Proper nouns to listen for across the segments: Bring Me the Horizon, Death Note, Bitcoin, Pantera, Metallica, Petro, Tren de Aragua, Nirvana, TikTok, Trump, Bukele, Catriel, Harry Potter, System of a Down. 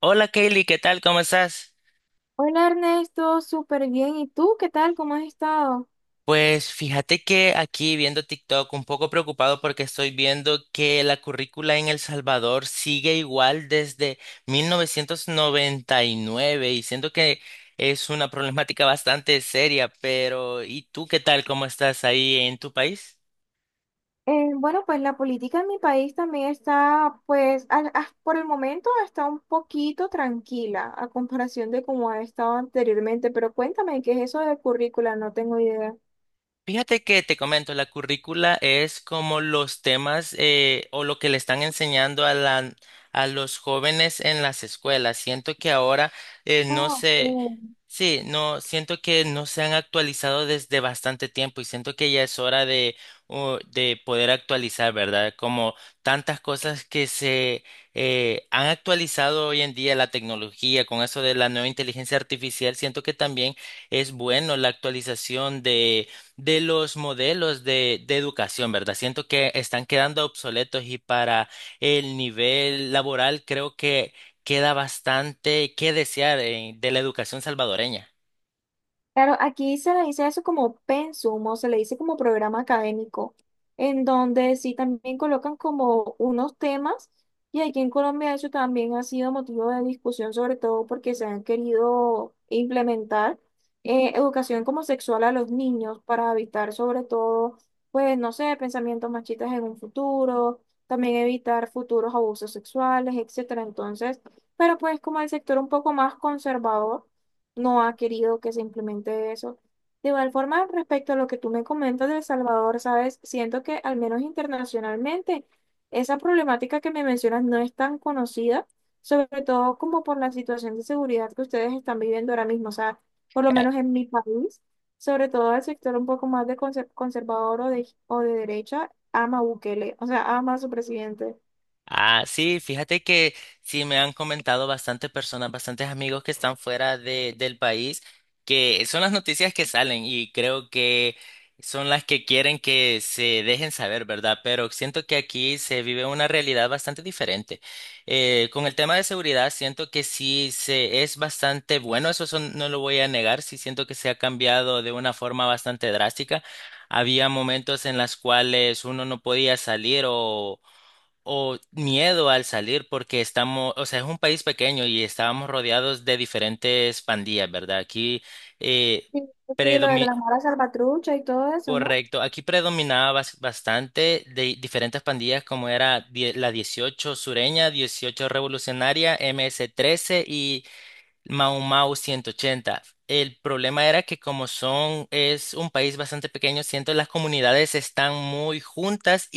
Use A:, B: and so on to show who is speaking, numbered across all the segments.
A: Hola Kaylee, ¿qué tal? ¿Cómo estás?
B: Hola Ernesto, súper bien. ¿Y tú qué tal? ¿Cómo has estado?
A: Pues fíjate que aquí viendo TikTok un poco preocupado porque estoy viendo que la currícula en El Salvador sigue igual desde 1999 y siento que es una problemática bastante seria, pero ¿y tú qué tal? ¿Cómo estás ahí en tu país?
B: Bueno, pues la política en mi país también está, pues, por el momento está un poquito tranquila a comparación de cómo ha estado anteriormente, pero cuéntame, ¿qué es eso de currícula? No tengo idea.
A: Fíjate que te comento, la currícula es como los temas o lo que le están enseñando a los jóvenes en las escuelas. Siento que ahora no
B: Ah,
A: se,
B: ok.
A: sí, no, siento que no se han actualizado desde bastante tiempo y siento que ya es hora de poder actualizar, ¿verdad? Como tantas cosas que se han actualizado hoy en día, la tecnología, con eso de la nueva inteligencia artificial, siento que también es bueno la actualización de los modelos de educación, ¿verdad? Siento que están quedando obsoletos y para el nivel laboral creo que queda bastante que desear de la educación salvadoreña.
B: Claro, aquí se le dice eso como pensum o se le dice como programa académico, en donde sí también colocan como unos temas y aquí en Colombia eso también ha sido motivo de discusión, sobre todo porque se han querido implementar educación como sexual a los niños para evitar sobre todo, pues no sé, pensamientos machistas en un futuro, también evitar futuros abusos sexuales, etcétera. Entonces, pero pues como el sector un poco más conservador no ha querido que se implemente eso. De igual forma, respecto a lo que tú me comentas de El Salvador, ¿sabes? Siento que al menos internacionalmente esa problemática que me mencionas no es tan conocida, sobre todo como por la situación de seguridad que ustedes están viviendo ahora mismo, o sea, por lo menos en mi país, sobre todo el sector un poco más de conservador o de derecha, ama a Bukele, o sea, ama a su presidente.
A: Ah, sí, fíjate que sí me han comentado bastantes personas, bastantes amigos que están fuera del país, que son las noticias que salen y creo que son las que quieren que se dejen saber, ¿verdad? Pero siento que aquí se vive una realidad bastante diferente. Con el tema de seguridad, siento que sí se es bastante bueno, no lo voy a negar, sí siento que se ha cambiado de una forma bastante drástica. Había momentos en las cuales uno no podía salir o miedo al salir porque estamos, o sea, es un país pequeño y estábamos rodeados de diferentes pandillas, ¿verdad? Aquí eh,
B: Sí, sí, lo de
A: predomi-
B: las malas salvatrucha y todo eso, ¿no?
A: correcto, aquí predominaba bastante de diferentes pandillas como era la 18 sureña, 18 revolucionaria, MS-13 y Mau Mau 180. El problema era que es un país bastante pequeño, siento las comunidades están muy juntas,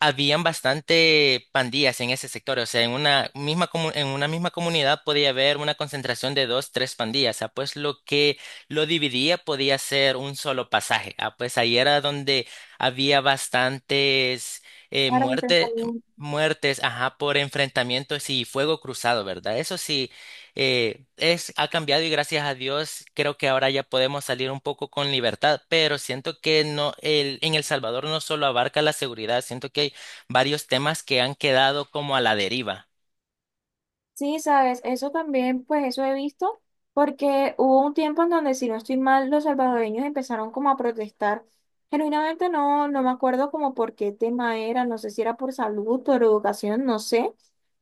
A: habían bastante pandillas en ese sector, o sea, en una misma en una misma comunidad podía haber una concentración de dos, tres pandillas, ah, pues lo que lo dividía podía ser un solo pasaje, ah, pues ahí era donde había bastantes eh,
B: Para
A: muerte-
B: enfrentarlo.
A: muertes, ajá, por enfrentamientos y fuego cruzado, ¿verdad? Eso sí, ha cambiado y gracias a Dios creo que ahora ya podemos salir un poco con libertad, pero siento que no, en El Salvador no solo abarca la seguridad, siento que varios temas que han quedado como a la deriva.
B: Sí, sabes, eso también, pues eso he visto, porque hubo un tiempo en donde, si no estoy mal, los salvadoreños empezaron como a protestar. Genuinamente no, no me acuerdo como por qué tema era, no sé si era por salud, por educación, no sé,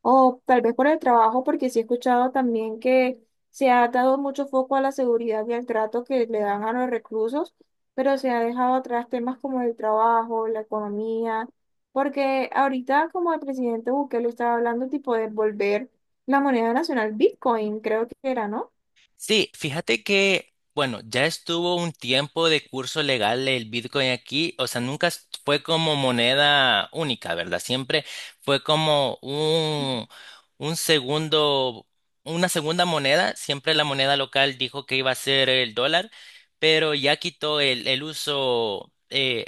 B: o tal vez por el trabajo, porque sí he escuchado también que se ha dado mucho foco a la seguridad y al trato que le dan a los reclusos, pero se ha dejado atrás temas como el trabajo, la economía, porque ahorita como el presidente Bukele estaba hablando tipo de volver la moneda nacional Bitcoin, creo que era, ¿no?
A: Sí, fíjate que, bueno, ya estuvo un tiempo de curso legal el Bitcoin aquí, o sea, nunca fue como moneda única, ¿verdad? Siempre fue como un segundo, una segunda moneda, siempre la moneda local dijo que iba a ser el dólar, pero ya quitó el uso.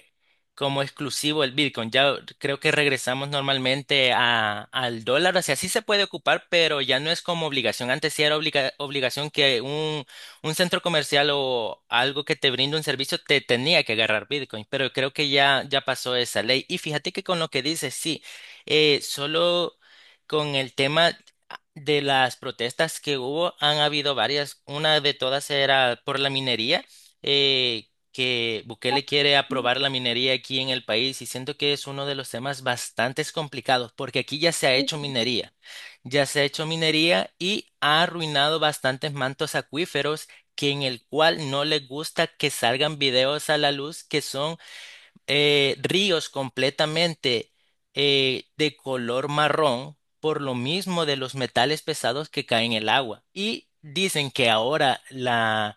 A: Como exclusivo el Bitcoin. Ya creo que regresamos normalmente al dólar, o sea, sí se puede ocupar, pero ya no es como obligación. Antes sí era obligación que un centro comercial o algo que te brinde un servicio te tenía que agarrar Bitcoin, pero creo que ya pasó esa ley. Y fíjate que con lo que dices, sí, solo con el tema. De las protestas que hubo, han habido varias. Una de todas era por la minería. eh, que Bukele quiere
B: Sí,
A: aprobar la minería aquí en el país y siento que es uno de los temas bastante complicados porque aquí ya se ha hecho
B: sí.
A: minería, ya se ha hecho minería y ha arruinado bastantes mantos acuíferos que en el cual no les gusta que salgan videos a la luz que son ríos completamente de color marrón por lo mismo de los metales pesados que caen en el agua. Y dicen que ahora la,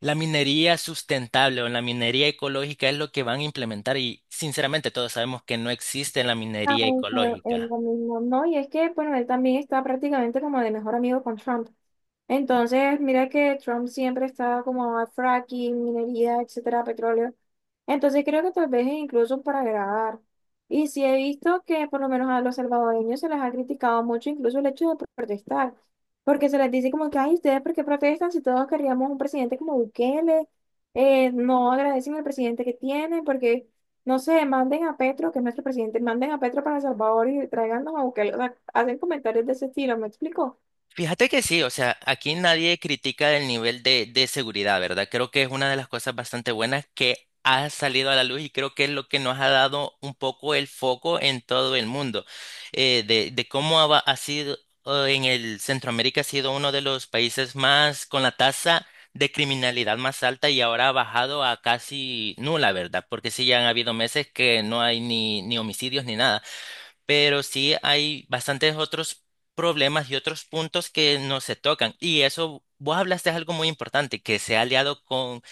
A: la minería sustentable o la minería ecológica es lo que van a implementar y sinceramente todos sabemos que no existe la
B: Ah,
A: minería
B: eso es
A: ecológica.
B: lo mismo, ¿no? Y es que, bueno, él también está prácticamente como de mejor amigo con Trump. Entonces, mira que Trump siempre está como a fracking, minería, etcétera, petróleo. Entonces, creo que tal vez es incluso para grabar. Y sí he visto que por lo menos a los salvadoreños se les ha criticado mucho incluso el hecho de protestar, porque se les dice como que, ay, ¿ustedes por qué protestan si todos queríamos un presidente como Bukele? No agradecen al presidente que tienen, porque... No sé, manden a Petro, que es nuestro presidente, manden a Petro para El Salvador y tráiganos a Bukele. O sea, hacen comentarios de ese estilo, ¿me explico?
A: Fíjate que sí, o sea, aquí nadie critica el nivel de seguridad, ¿verdad? Creo que es una de las cosas bastante buenas que ha salido a la luz y creo que es lo que nos ha dado un poco el foco en todo el mundo, de cómo ha sido en el Centroamérica, ha sido uno de los países más con la tasa de criminalidad más alta y ahora ha bajado a casi nula, ¿verdad? Porque sí, ya han habido meses que no hay ni homicidios ni nada, pero sí hay bastantes otros problemas y otros puntos que no se tocan. Y eso, vos hablaste de algo muy importante, que se ha aliado con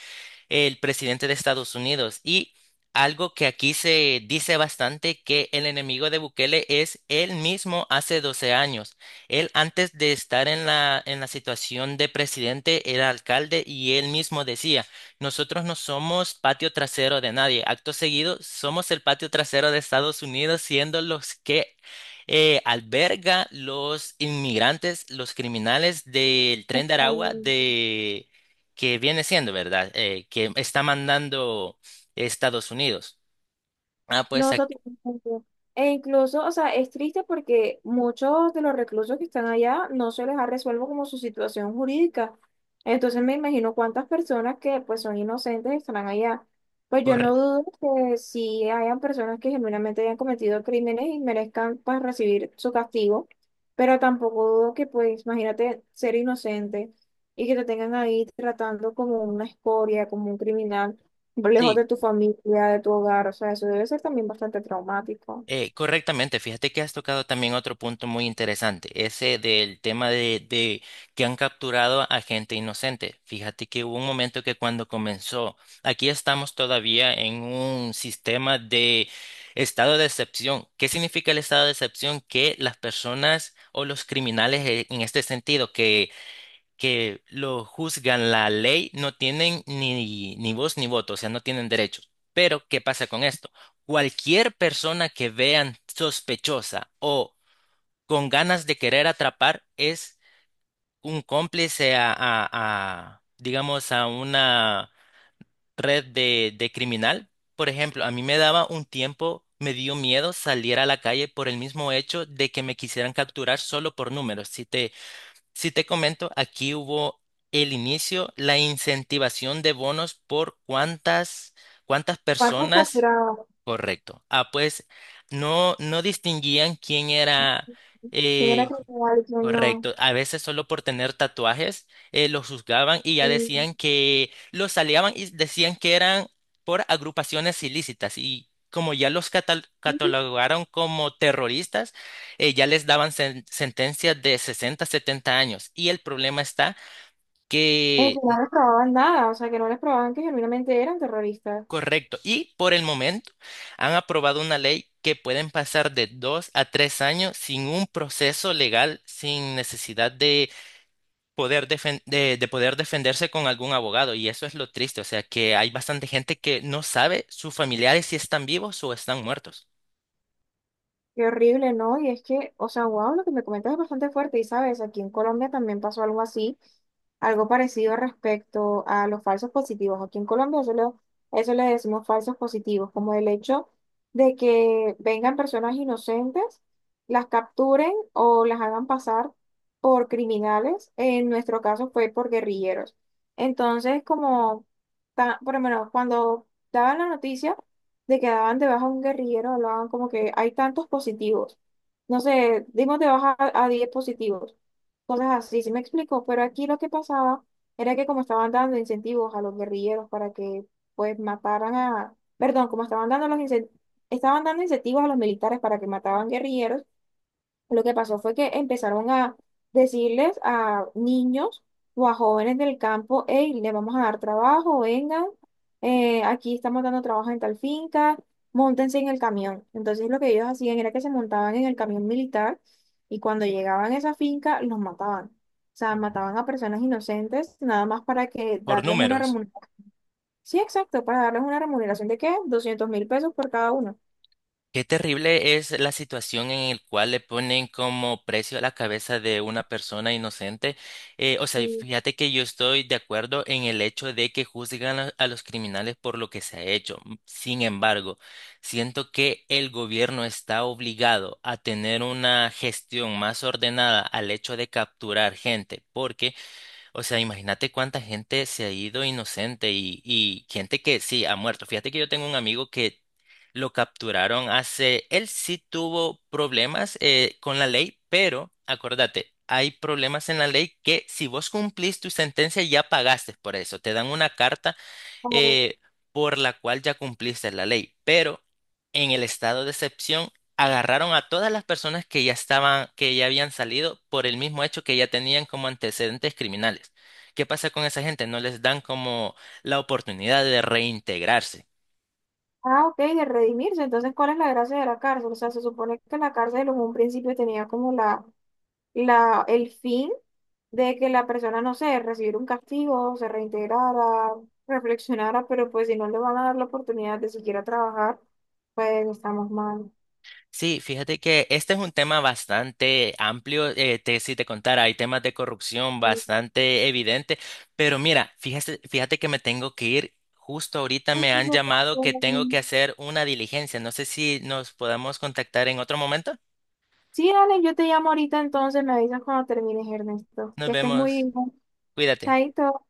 A: el presidente de Estados Unidos. Y algo que aquí se dice bastante, que el enemigo de Bukele es él mismo hace 12 años. Él antes de estar en la situación de presidente era alcalde y él mismo decía, nosotros no somos patio trasero de nadie. Acto seguido, somos el patio trasero de Estados Unidos siendo los que alberga los inmigrantes, los criminales del Tren de Aragua,
B: Totalmente.
A: de que viene siendo, ¿verdad? Que está mandando Estados Unidos. Ah, pues
B: No, totalmente. E incluso, o sea, es triste porque muchos de los reclusos que están allá no se les ha resuelto como su situación jurídica. Entonces me imagino cuántas personas que pues son inocentes estarán allá. Pues yo no
A: corre-
B: dudo que si hayan personas que genuinamente hayan cometido crímenes y merezcan pues recibir su castigo, pero tampoco dudo que pues imagínate ser inocente y que te tengan ahí tratando como una escoria, como un criminal lejos
A: sí,
B: de tu familia, de tu hogar, o sea, eso debe ser también bastante traumático.
A: correctamente. Fíjate que has tocado también otro punto muy interesante, ese del tema de que han capturado a gente inocente. Fíjate que hubo un momento que cuando comenzó, aquí estamos todavía en un sistema de estado de excepción. ¿Qué significa el estado de excepción? Que las personas o los criminales en este sentido que lo juzgan la ley no tienen ni voz ni voto, o sea, no tienen derechos. Pero, ¿qué pasa con esto? Cualquier persona que vean sospechosa o con ganas de querer atrapar es un cómplice digamos, a una red de criminal. Por ejemplo, a mí me daba un tiempo, me dio miedo salir a la calle por el mismo hecho de que me quisieran capturar solo por números. Si te comento, aquí hubo el inicio, la incentivación de bonos por cuántas
B: ¿Cuántos
A: personas.
B: capturados?
A: Correcto. Ah, pues no, no distinguían quién era.
B: ¿Quién era
A: eh,
B: capturado y quién no?
A: Correcto. A veces solo por tener tatuajes los juzgaban y ya
B: Y,
A: decían que los aleaban y decían que eran por agrupaciones ilícitas. Y como ya los catalogaron como terroristas, ya les daban sentencias de 60, 70 años. Y el problema está
B: que
A: que.
B: no les probaban nada, o sea, que no les probaban que genuinamente eran terroristas.
A: Correcto. Y por el momento han aprobado una ley que pueden pasar de 2 a 3 años sin un proceso legal, sin necesidad de poder defenderse con algún abogado. Y eso es lo triste. O sea, que hay bastante gente que no sabe sus familiares si están vivos o están muertos
B: Qué horrible, ¿no? Y es que, o sea, wow, lo que me comentas es bastante fuerte. Y sabes, aquí en Colombia también pasó algo así, algo parecido respecto a los falsos positivos. Aquí en Colombia eso, eso le decimos falsos positivos, como el hecho de que vengan personas inocentes, las capturen o las hagan pasar por criminales. En nuestro caso fue por guerrilleros. Entonces, como, por lo menos, cuando daban la noticia de que daban de baja a un guerrillero, hablaban como que hay tantos positivos. No sé, dimos de baja a, 10 positivos. Cosas así, sí me explico, pero aquí lo que pasaba era que como estaban dando incentivos a los guerrilleros para que pues mataran a, perdón, como estaban dando los estaban dando incentivos a los militares para que mataban guerrilleros, lo que pasó fue que empezaron a decirles a niños o a jóvenes del campo, hey, le vamos a dar trabajo, vengan, aquí estamos dando trabajo en tal finca, móntense en el camión. Entonces lo que ellos hacían era que se montaban en el camión militar y cuando llegaban a esa finca los mataban. O sea, mataban a personas inocentes nada más para que
A: por
B: darles una
A: números.
B: remuneración. Sí, exacto, para darles una remuneración ¿de qué? 200.000 pesos por cada uno.
A: Qué terrible es la situación en el cual le ponen como precio a la cabeza de una persona inocente. O sea,
B: Mm,
A: fíjate que yo estoy de acuerdo en el hecho de que juzgan a los criminales por lo que se ha hecho. Sin embargo, siento que el gobierno está obligado a tener una gestión más ordenada al hecho de capturar gente, porque o sea, imagínate cuánta gente se ha ido inocente y gente que sí ha muerto. Fíjate que yo tengo un amigo que lo capturaron él sí tuvo problemas con la ley, pero acuérdate, hay problemas en la ley que si vos cumplís tu sentencia ya pagaste por eso. Te dan una carta
B: claro.
A: eh, por la cual ya cumpliste la ley. Pero en el estado de excepción agarraron a todas las personas que ya habían salido por el mismo hecho que ya tenían como antecedentes criminales. ¿Qué pasa con esa gente? No les dan como la oportunidad de reintegrarse.
B: Ah, ok, de redimirse. Entonces, ¿cuál es la gracia de la cárcel? O sea, se supone que la cárcel en un principio tenía como el fin de que la persona, no sé, recibiera un castigo, se reintegrara, reflexionara, pero pues si no le van a dar la oportunidad de siquiera trabajar, pues estamos mal.
A: Sí, fíjate que este es un tema bastante amplio. Si te contara, hay temas de corrupción
B: Sí,
A: bastante evidente, pero mira, fíjate que me tengo que ir. Justo ahorita me han llamado que tengo que hacer una diligencia. No sé si nos podamos contactar en otro momento.
B: sí, dale, yo te llamo ahorita entonces, me avisas cuando termines, Ernesto.
A: Nos
B: Que estés muy
A: vemos.
B: bien.
A: Cuídate.
B: Chaito.